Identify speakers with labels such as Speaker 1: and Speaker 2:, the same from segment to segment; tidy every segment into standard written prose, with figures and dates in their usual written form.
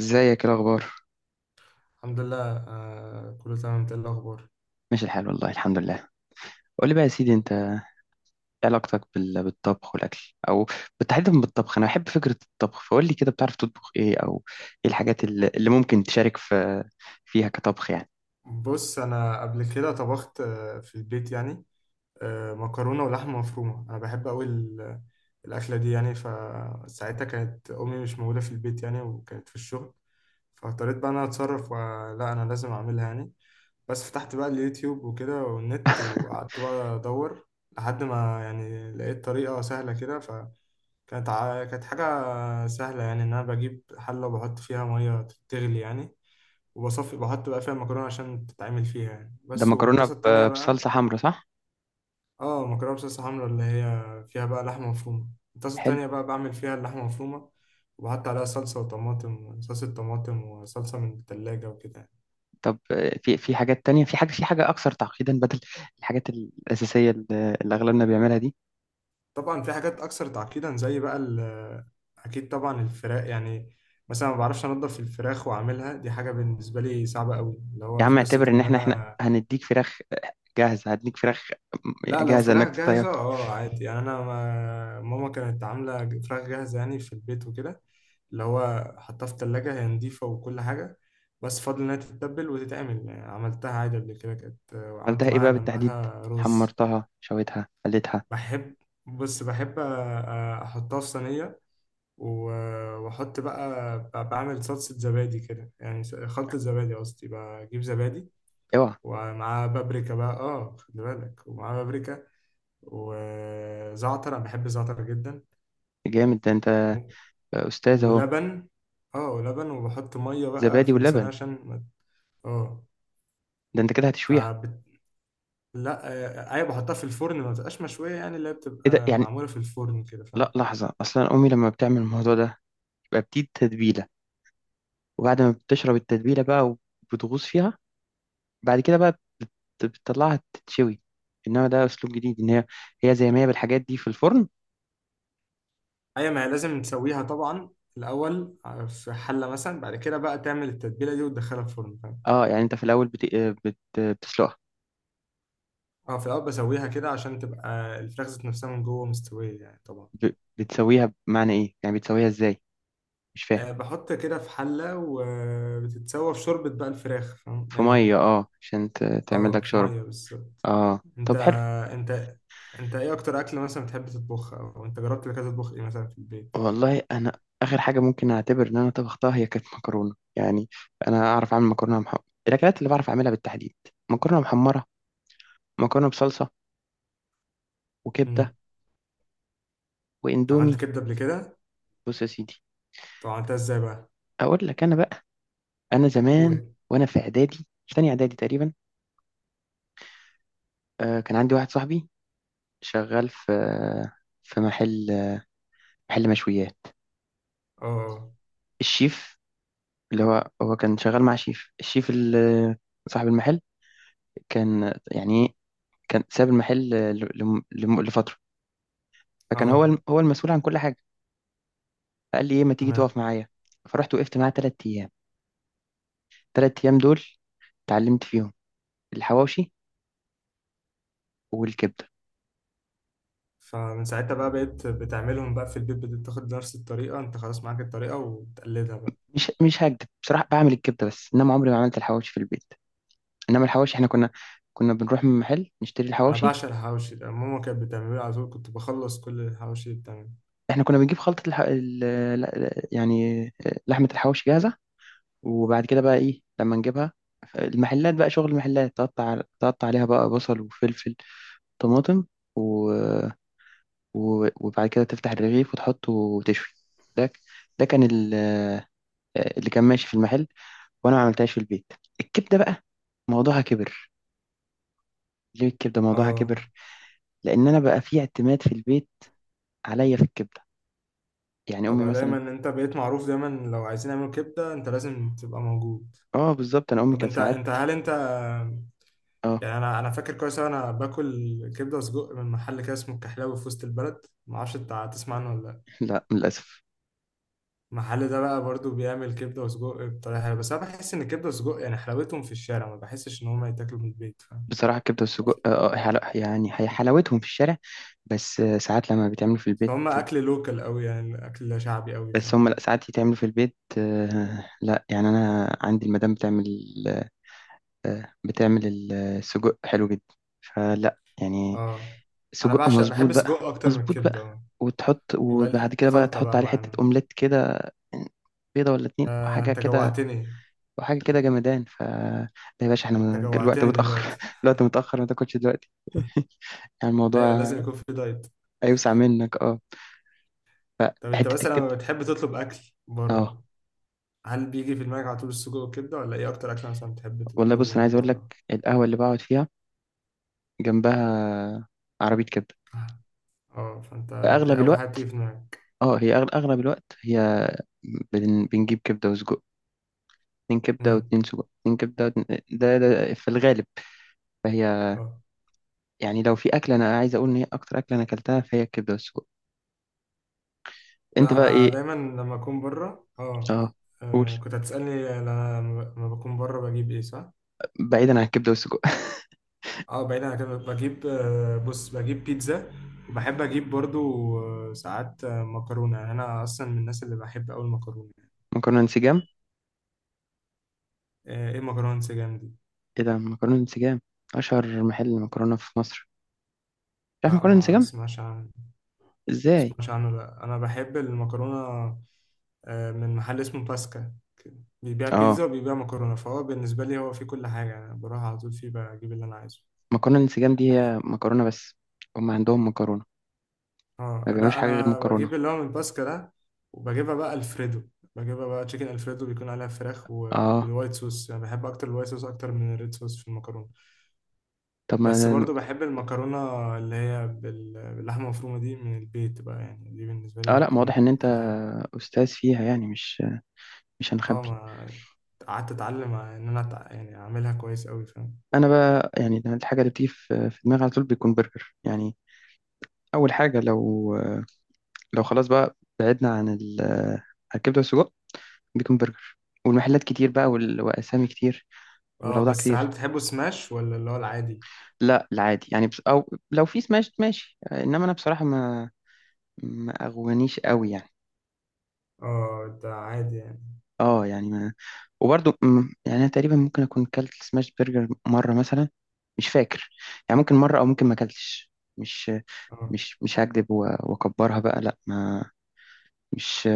Speaker 1: ازيك، ايه الاخبار؟
Speaker 2: الحمد لله، آه، كله تمام. انت ايه الاخبار؟
Speaker 1: ماشي الحال، والله الحمد لله. قول لي بقى يا سيدي، انت ايه علاقتك بالطبخ والاكل، او بالتحديد بالطبخ. انا بحب فكره الطبخ، فقول لي كده، بتعرف تطبخ ايه؟ او ايه الحاجات اللي ممكن تشارك فيها كطبخ يعني.
Speaker 2: بص، انا قبل كده طبخت، في البيت يعني. مكرونه ولحمه مفرومه. انا بحب قوي الاكله دي يعني. فساعتها كانت امي مش موجوده في البيت يعني، وكانت في الشغل، فاضطريت بقى انا اتصرف، ولا انا لازم اعملها يعني. بس فتحت بقى اليوتيوب وكده والنت، وقعدت بقى أدور لحد ما يعني لقيت طريقة سهلة كده. فكانت كانت حاجة سهلة يعني، إن أنا بجيب حلة وبحط فيها مية تغلي يعني، وبصفي، بحط بقى فيها المكرونة عشان تتعمل فيها يعني
Speaker 1: ده
Speaker 2: بس.
Speaker 1: مكرونه
Speaker 2: والطاسة التانية بقى.
Speaker 1: بصلصه حمرا، صح؟
Speaker 2: اه، مكرونة بصلصة حمرا، اللي هي فيها بقى لحمة مفرومة. الطاسة
Speaker 1: حلو.
Speaker 2: التانية بقى بعمل فيها اللحمة مفرومة، وبحط عليها صلصة وطماطم، صلصة طماطم وصلصة من التلاجة وكده يعني.
Speaker 1: طب في حاجات تانية، في حاجه اكثر تعقيدا، بدل الحاجات الاساسيه اللي اغلبنا بيعملها دي؟
Speaker 2: طبعا في حاجات اكثر تعقيدا زي بقى اكيد طبعا الفراخ يعني. مثلا ما بعرفش انضف الفراخ واعملها، دي حاجه بالنسبه لي صعبه قوي، اللي
Speaker 1: يا
Speaker 2: هو في
Speaker 1: عم اعتبر
Speaker 2: قصه
Speaker 1: ان
Speaker 2: ان
Speaker 1: احنا
Speaker 2: انا.
Speaker 1: هنديك فراخ
Speaker 2: لا، لو
Speaker 1: جاهزه
Speaker 2: فراخ
Speaker 1: انك تطيب.
Speaker 2: جاهزه اه عادي يعني. انا ما... ماما كانت عامله فراخ جاهزه يعني في البيت وكده. اللي هو حطها في التلاجة، هي نضيفة وكل حاجة، بس فاضل إنها تتبل وتتعمل يعني. عملتها عادي قبل كده، كانت وعملت
Speaker 1: عملتها ايه
Speaker 2: معاها
Speaker 1: بقى بالتحديد؟
Speaker 2: جنبها رز.
Speaker 1: حمرتها، شويتها، قليتها؟
Speaker 2: بحب، بص، بحب أحطها في صينية و- واحط بقى بعمل صلصة زبادي كده يعني، خلطة زبادي قصدي. بجيب زبادي
Speaker 1: اوعى.
Speaker 2: ومعاه بابريكا بقى، اه خلي بالك، ومعاه بابريكا وزعتر، انا بحب الزعتر جدا
Speaker 1: جامد، ده انت
Speaker 2: و-
Speaker 1: استاذ اهو.
Speaker 2: ولبن. اه، ولبن، وبحط مية بقى
Speaker 1: زبادي
Speaker 2: في الصينية
Speaker 1: ولبن؟
Speaker 2: عشان اه.
Speaker 1: ده انت كده هتشويها؟
Speaker 2: فبت... لا. آه، ايوه، بحطها في الفرن، ما بتبقاش مشوية يعني، اللي هي
Speaker 1: ايه ده
Speaker 2: بتبقى
Speaker 1: يعني؟
Speaker 2: معمولة في الفرن كده، فاهم؟
Speaker 1: لا لحظه، اصلا امي لما بتعمل الموضوع ده يبقى بتدي تتبيله، وبعد ما بتشرب التتبيله بقى وبتغوص فيها، بعد كده بقى بتطلعها تتشوي. انما ده اسلوب جديد، ان هي زي ما هي بالحاجات دي في الفرن.
Speaker 2: ايوه، ما هي لازم تسويها طبعا الأول في حلة مثلا، بعد كده بقى تعمل التتبيلة دي وتدخلها الفرن، فاهم؟
Speaker 1: اه، يعني انت في الاول بتسلقها؟
Speaker 2: اه، في الأول بسويها كده عشان تبقى الفراخ ذات نفسها من جوه مستوية يعني طبعا.
Speaker 1: ب... بتسويها بمعنى ايه يعني؟ بتسويها ازاي؟ مش فاهم.
Speaker 2: آه، بحط كده في حلة وبتتسوى في شوربة بقى الفراخ، فاهم
Speaker 1: في
Speaker 2: يعني.
Speaker 1: ميه، اه عشان تعمل
Speaker 2: اه،
Speaker 1: لك
Speaker 2: في
Speaker 1: شرب.
Speaker 2: مية بالظبط.
Speaker 1: اه
Speaker 2: انت
Speaker 1: طب حلو.
Speaker 2: انت انت ايه أكتر أكلة مثلا بتحب تطبخها، أو انت جربت قبل كده تطبخ ايه مثلا في البيت؟
Speaker 1: والله انا اخر حاجه ممكن اعتبر ان انا طبختها هي كانت مكرونه يعني. انا اعرف اعمل مكرونه محمره، الاكلات اللي بعرف اعملها بالتحديد: مكرونه محمره، مكرونه بصلصه، وكبده،
Speaker 2: امم.
Speaker 1: واندومي.
Speaker 2: عملت كبدة قبل كده؟
Speaker 1: بص يا سيدي،
Speaker 2: طب عملتها ازاي بقى؟
Speaker 1: اقول لك انا بقى. انا زمان
Speaker 2: قول.
Speaker 1: وانا في اعدادي، في تانية اعدادي تقريبا، آه كان عندي واحد صاحبي شغال في محل مشويات.
Speaker 2: اه،
Speaker 1: الشيف اللي هو كان شغال مع شيف، الشيف اللي صاحب المحل كان يعني إيه، كان ساب المحل لفترة،
Speaker 2: اه،
Speaker 1: فكان
Speaker 2: اه،
Speaker 1: هو المسؤول عن كل حاجة. فقال لي إيه ما تيجي تقف
Speaker 2: تمام.
Speaker 1: معايا. فرحت وقفت معاه تلات أيام. تلات أيام دول اتعلمت فيهم الحواوشي والكبدة.
Speaker 2: فمن ساعتها بقى بقيت بتعملهم بقى في البيت، بتاخد نفس الطريقة، انت خلاص معاك الطريقة وتقلدها بقى.
Speaker 1: مش هكدب بصراحة، بعمل الكبدة، بس إنما عمري ما عملت الحواوشي في البيت. إنما الحواوشي إحنا كنا بنروح من محل نشتري
Speaker 2: انا
Speaker 1: الحواوشي.
Speaker 2: بعشق الحواوشي ده، ماما كانت بتعمله لي على طول، كنت بخلص كل الحواوشي اللي بتعمله.
Speaker 1: إحنا كنا بنجيب خلطة يعني لحمة الحواوشي جاهزة، وبعد كده بقى إيه لما نجيبها، المحلات بقى شغل المحلات تقطع عليها بقى بصل وفلفل طماطم وبعد كده تفتح الرغيف وتحطه وتشوي. ده ده كان اللي كان ماشي في المحل، وانا ما عملتهاش في البيت. الكبده بقى موضوعها كبر. ليه الكبده موضوعها
Speaker 2: اه
Speaker 1: كبر؟ لان انا بقى في اعتماد في البيت عليا في الكبده، يعني امي
Speaker 2: طبعا، دايما
Speaker 1: مثلا.
Speaker 2: انت بقيت معروف، دايما لو عايزين نعمل كبده انت لازم تبقى موجود.
Speaker 1: اه بالظبط، انا امي
Speaker 2: طب
Speaker 1: كانت
Speaker 2: انت،
Speaker 1: ساعات
Speaker 2: انت، هل انت
Speaker 1: اه.
Speaker 2: يعني، انا، انا فاكر كويس أوي انا باكل كبده وسجق من محل كده اسمه الكحلاوي في وسط البلد، ما اعرفش انت هتسمع عنه ولا لا.
Speaker 1: لا للاسف.
Speaker 2: المحل ده بقى برضو بيعمل كبده وسجق بطريقه حلوه، بس انا بحس ان الكبده والسجق يعني حلاوتهم في الشارع، ما بحسش ان هم يتاكلوا من البيت، فاهم؟
Speaker 1: بصراحه الكبده والسجق، يعني هي حلاوتهم في الشارع، بس ساعات لما بيتعملوا في البيت.
Speaker 2: هم اكل لوكال قوي يعني، اكل شعبي قوي،
Speaker 1: بس
Speaker 2: فاهم؟
Speaker 1: هم لا، ساعات يتعملوا في البيت، لا يعني انا عندي المدام بتعمل السجق حلو جدا، فلا يعني،
Speaker 2: اه، انا
Speaker 1: سجق
Speaker 2: بعشق،
Speaker 1: مظبوط
Speaker 2: بحب
Speaker 1: بقى.
Speaker 2: السجق اكتر من
Speaker 1: مظبوط
Speaker 2: الكبده،
Speaker 1: بقى.
Speaker 2: اه. يبقى لي
Speaker 1: وبعد كده بقى
Speaker 2: خلطه بقى
Speaker 1: تحط عليه حتة
Speaker 2: معانا.
Speaker 1: أومليت كده، بيضة ولا اتنين
Speaker 2: آه،
Speaker 1: وحاجة
Speaker 2: انت
Speaker 1: كده،
Speaker 2: جوعتني.
Speaker 1: وحاجة كده جمدان. ف لا يا باشا، احنا
Speaker 2: انت
Speaker 1: الوقت
Speaker 2: جوعتني
Speaker 1: متأخر،
Speaker 2: دلوقتي.
Speaker 1: الوقت متأخر ما تاكلش دلوقتي. يعني الموضوع
Speaker 2: ايوه، لازم يكون في دايت.
Speaker 1: هيوسع منك، اه.
Speaker 2: طب انت
Speaker 1: حتة
Speaker 2: مثلا
Speaker 1: الكبدة،
Speaker 2: لما بتحب تطلب اكل
Speaker 1: اه.
Speaker 2: بره، هل بيجي في دماغك على طول السجق والكبده، ولا ايه اكتر اكل مثلا بتحب
Speaker 1: والله بص،
Speaker 2: تطلبه
Speaker 1: انا
Speaker 2: من
Speaker 1: عايز اقول لك،
Speaker 2: بره؟
Speaker 1: القهوة اللي بقعد فيها جنبها عربية كبدة،
Speaker 2: اه، فانت دي
Speaker 1: فاغلب
Speaker 2: اول حاجه
Speaker 1: الوقت،
Speaker 2: بتيجي في دماغك.
Speaker 1: اه، اغلب الوقت هي بنجيب كبده وسجق. اتنين كبده
Speaker 2: امم.
Speaker 1: واتنين سجق، اتنين كبده واتنين... ده في الغالب، فهي
Speaker 2: اه،
Speaker 1: يعني لو في اكله انا عايز اقول ان هي اكتر اكله انا اكلتها فهي الكبده والسجق. انت
Speaker 2: لا،
Speaker 1: بقى
Speaker 2: انا
Speaker 1: ايه؟
Speaker 2: دايما لما اكون بره اه.
Speaker 1: اه قول،
Speaker 2: آه، كنت هتسالني انا لما بكون بره بجيب ايه، صح؟
Speaker 1: بعيدا عن الكبده والسجق.
Speaker 2: اه، بعيد عن كده بجيب، بص، بجيب بيتزا، وبحب اجيب برضو، ساعات، مكرونه يعني. انا اصلا من الناس اللي بحب قوي المكرونه.
Speaker 1: مكرونه انسجام.
Speaker 2: ايه مكرونه انسجام دي؟
Speaker 1: ايه ده مكرونه انسجام؟ اشهر محل مكرونه في مصر، مش عارف
Speaker 2: لا،
Speaker 1: مكرونه
Speaker 2: ما
Speaker 1: انسجام؟
Speaker 2: اسمعش عن ما
Speaker 1: ازاي!
Speaker 2: اسمعش عنه. لا، انا بحب المكرونه من محل اسمه باسكا. بيبيع
Speaker 1: اه
Speaker 2: بيتزا وبيبيع مكرونه، فهو بالنسبه لي هو فيه كل حاجه، انا بروح على طول فيه بجيب اللي انا عايزه.
Speaker 1: مكرونه انسجام دي هي مكرونه بس، هم عندهم مكرونه، ما
Speaker 2: اه،
Speaker 1: بيعملوش
Speaker 2: لا
Speaker 1: حاجه غير
Speaker 2: انا
Speaker 1: مكرونه.
Speaker 2: بجيب اللي هو من باسكا ده. وبجيبها بقى الفريدو، بجيبها بقى تشيكن الفريدو، بيكون عليها فراخ
Speaker 1: اه
Speaker 2: وبالوايت صوص يعني. بحب اكتر الوايت صوص اكتر من الريد صوص في المكرونه.
Speaker 1: طب
Speaker 2: بس
Speaker 1: ما
Speaker 2: برضو بحب المكرونه اللي هي باللحمه المفرومه دي من البيت بقى يعني، دي بالنسبه
Speaker 1: اه،
Speaker 2: لي
Speaker 1: لا ما واضح
Speaker 2: بتكون
Speaker 1: ان انت
Speaker 2: احلى حاجه.
Speaker 1: استاذ فيها يعني، مش
Speaker 2: اه،
Speaker 1: هنخبي.
Speaker 2: ما قعدت اتعلم ان انا يعني اعملها كويس قوي، فاهم؟
Speaker 1: انا بقى يعني ده الحاجه اللي بتيجي في دماغي على طول بيكون برجر يعني. اول حاجه، لو خلاص بقى بعدنا عن الكبده والسجق، بيكون برجر. والمحلات كتير بقى، واسامي كتير،
Speaker 2: اه،
Speaker 1: والاوضاع
Speaker 2: بس هل
Speaker 1: كتير.
Speaker 2: بتحبه سماش ولا اللي هو العادي؟
Speaker 1: لا العادي يعني، بس او لو في سماش ماشي، انما انا بصراحه ما اغوانيش قوي يعني.
Speaker 2: اه، ده عادي يعني.
Speaker 1: اه يعني ما، وبرضو يعني انا تقريبا ممكن اكون كلت سماش برجر مره مثلا، مش فاكر يعني، ممكن مره او ممكن ما كلتش. مش
Speaker 2: اه،
Speaker 1: مش هكذب، واكبرها بقى، لا ما، مش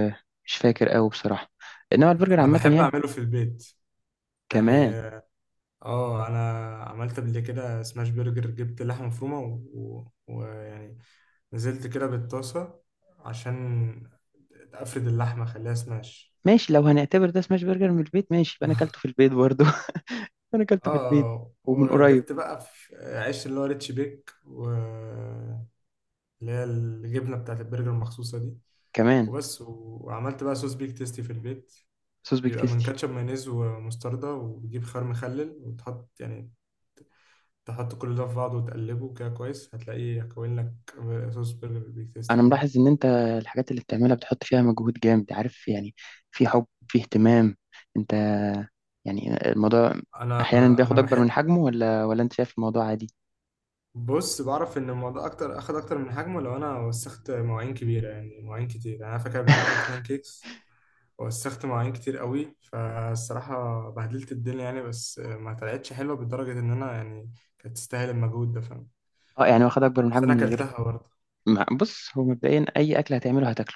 Speaker 1: مش فاكر قوي بصراحه. انما البرجر
Speaker 2: انا
Speaker 1: عامه
Speaker 2: بحب
Speaker 1: يعني
Speaker 2: اعمله في البيت يعني.
Speaker 1: كمان.
Speaker 2: اه، انا عملت قبل كده سماش برجر. جبت لحمه مفرومه ويعني، ويعني، نزلت كده بالطاسه عشان افرد اللحمه اخليها سماش.
Speaker 1: ماشي، لو هنعتبر ده سماش برجر من البيت، ماشي، يبقى انا اكلته في البيت برضو. انا اكلته في البيت،
Speaker 2: اه،
Speaker 1: ومن قريب
Speaker 2: وجبت بقى في عيش اللي هو ريتش بيك، واللي هي الجبنه بتاعت البرجر المخصوصه دي،
Speaker 1: كمان،
Speaker 2: وبس، وعملت بقى صوص بيك تيستي في البيت.
Speaker 1: صوص بيك
Speaker 2: بيبقى من
Speaker 1: تيستي.
Speaker 2: كاتشب، مايونيز، ومستردة، وبتجيب خيار مخلل وتحط يعني، تحط كل ده في بعضه وتقلبه كده كويس، هتلاقيه كوين لك، صوص برجر بيك
Speaker 1: انا
Speaker 2: تيستي، فاهم؟
Speaker 1: ملاحظ ان انت الحاجات اللي بتعملها بتحط فيها مجهود جامد، عارف يعني، في حب، في اهتمام. انت يعني الموضوع
Speaker 2: انا
Speaker 1: احيانا بياخد
Speaker 2: انا
Speaker 1: اكبر من
Speaker 2: بحب،
Speaker 1: حجمه ولا انت شايف الموضوع عادي؟
Speaker 2: بص، بعرف ان الموضوع اكتر، اخد اكتر من حجمه لو انا وسخت مواعين كبيره يعني، مواعين كتير يعني. انا فاكر قبل كده عملت بان كيكس، وسخت مواعين كتير قوي، فالصراحه بهدلت الدنيا يعني، بس ما طلعتش حلوه بالدرجه ان انا يعني كانت تستاهل المجهود ده، فاهم؟
Speaker 1: اه يعني واخد اكبر من
Speaker 2: بس
Speaker 1: حجمه
Speaker 2: انا
Speaker 1: من غير
Speaker 2: اكلتها برضه.
Speaker 1: ما، بص هو مبدئيا اي اكل هتعمله هتاكله.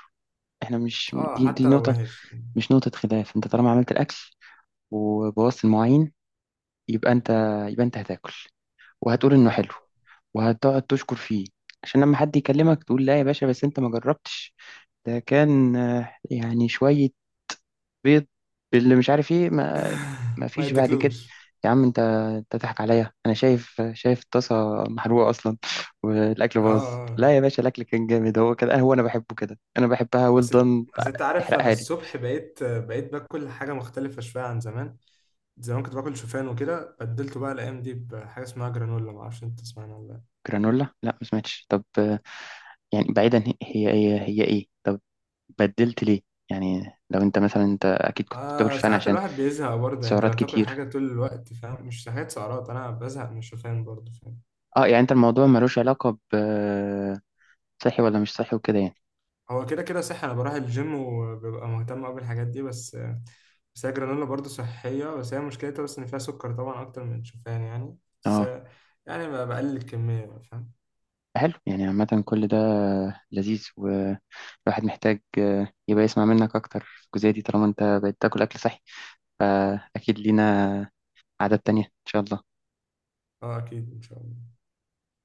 Speaker 1: احنا مش
Speaker 2: اه،
Speaker 1: دي
Speaker 2: حتى
Speaker 1: دي
Speaker 2: لو
Speaker 1: نقطة،
Speaker 2: وحش.
Speaker 1: مش نقطة خلاف. انت طالما عملت الاكل وبوظت المواعين، يبقى انت يبقى انت هتاكل وهتقول انه حلو، وهتقعد تشكر فيه، عشان لما حد يكلمك تقول لا يا باشا، بس انت ما جربتش، ده كان يعني شوية بيض باللي مش عارف ايه ما. ما
Speaker 2: ما
Speaker 1: فيش بعد كده.
Speaker 2: يتاكلوش.
Speaker 1: يا عم انت تضحك عليا، انا شايف الطاسه محروقه اصلا، الاكل
Speaker 2: اه،
Speaker 1: باظ.
Speaker 2: اه،
Speaker 1: لا يا باشا، الاكل كان جامد، هو كده، هو انا بحبه كده، انا بحبها ويل
Speaker 2: بس
Speaker 1: دان.
Speaker 2: بس انت عارف، انا
Speaker 1: احرقها لي.
Speaker 2: الصبح بقيت باكل حاجه مختلفه شويه عن زمان. زمان كنت باكل شوفان وكده، بدلته بقى الايام دي بحاجه اسمها جرانولا، ما اعرفش انت تسمعنا ولا لا.
Speaker 1: جرانولا؟ لا ما سمعتش. طب يعني بعيدا، هي ايه؟ طب بدلت ليه؟ يعني لو انت مثلا، انت اكيد كنت بتاكل
Speaker 2: آه،
Speaker 1: شوفان
Speaker 2: ساعات
Speaker 1: عشان
Speaker 2: الواحد بيزهق برضه يعني، انت لما
Speaker 1: سعرات
Speaker 2: تاكل
Speaker 1: كتير.
Speaker 2: حاجه طول الوقت، فاهم؟ مش حاجات سعرات، انا بزهق من الشوفان برضه، فاهم؟
Speaker 1: اه يعني انت الموضوع ملوش علاقه ب صحي ولا مش صحي وكده يعني.
Speaker 2: هو كده كده صح، انا بروح الجيم وببقى مهتم قوي بالحاجات دي، بس بس هي جرانولا برضه صحيه، بس هي مشكلتها بس ان فيها سكر طبعا اكتر من الشوفان يعني، بس
Speaker 1: اه
Speaker 2: يعني بقلل الكميه بقى، فاهم؟
Speaker 1: حلو، يعني عامة كل ده لذيذ، والواحد محتاج يبقى يسمع منك أكتر في الجزئية دي، طالما أنت بقيت تاكل أكل صحي، فأكيد لينا عادات تانية إن شاء الله.
Speaker 2: اه، اكيد ان شاء الله.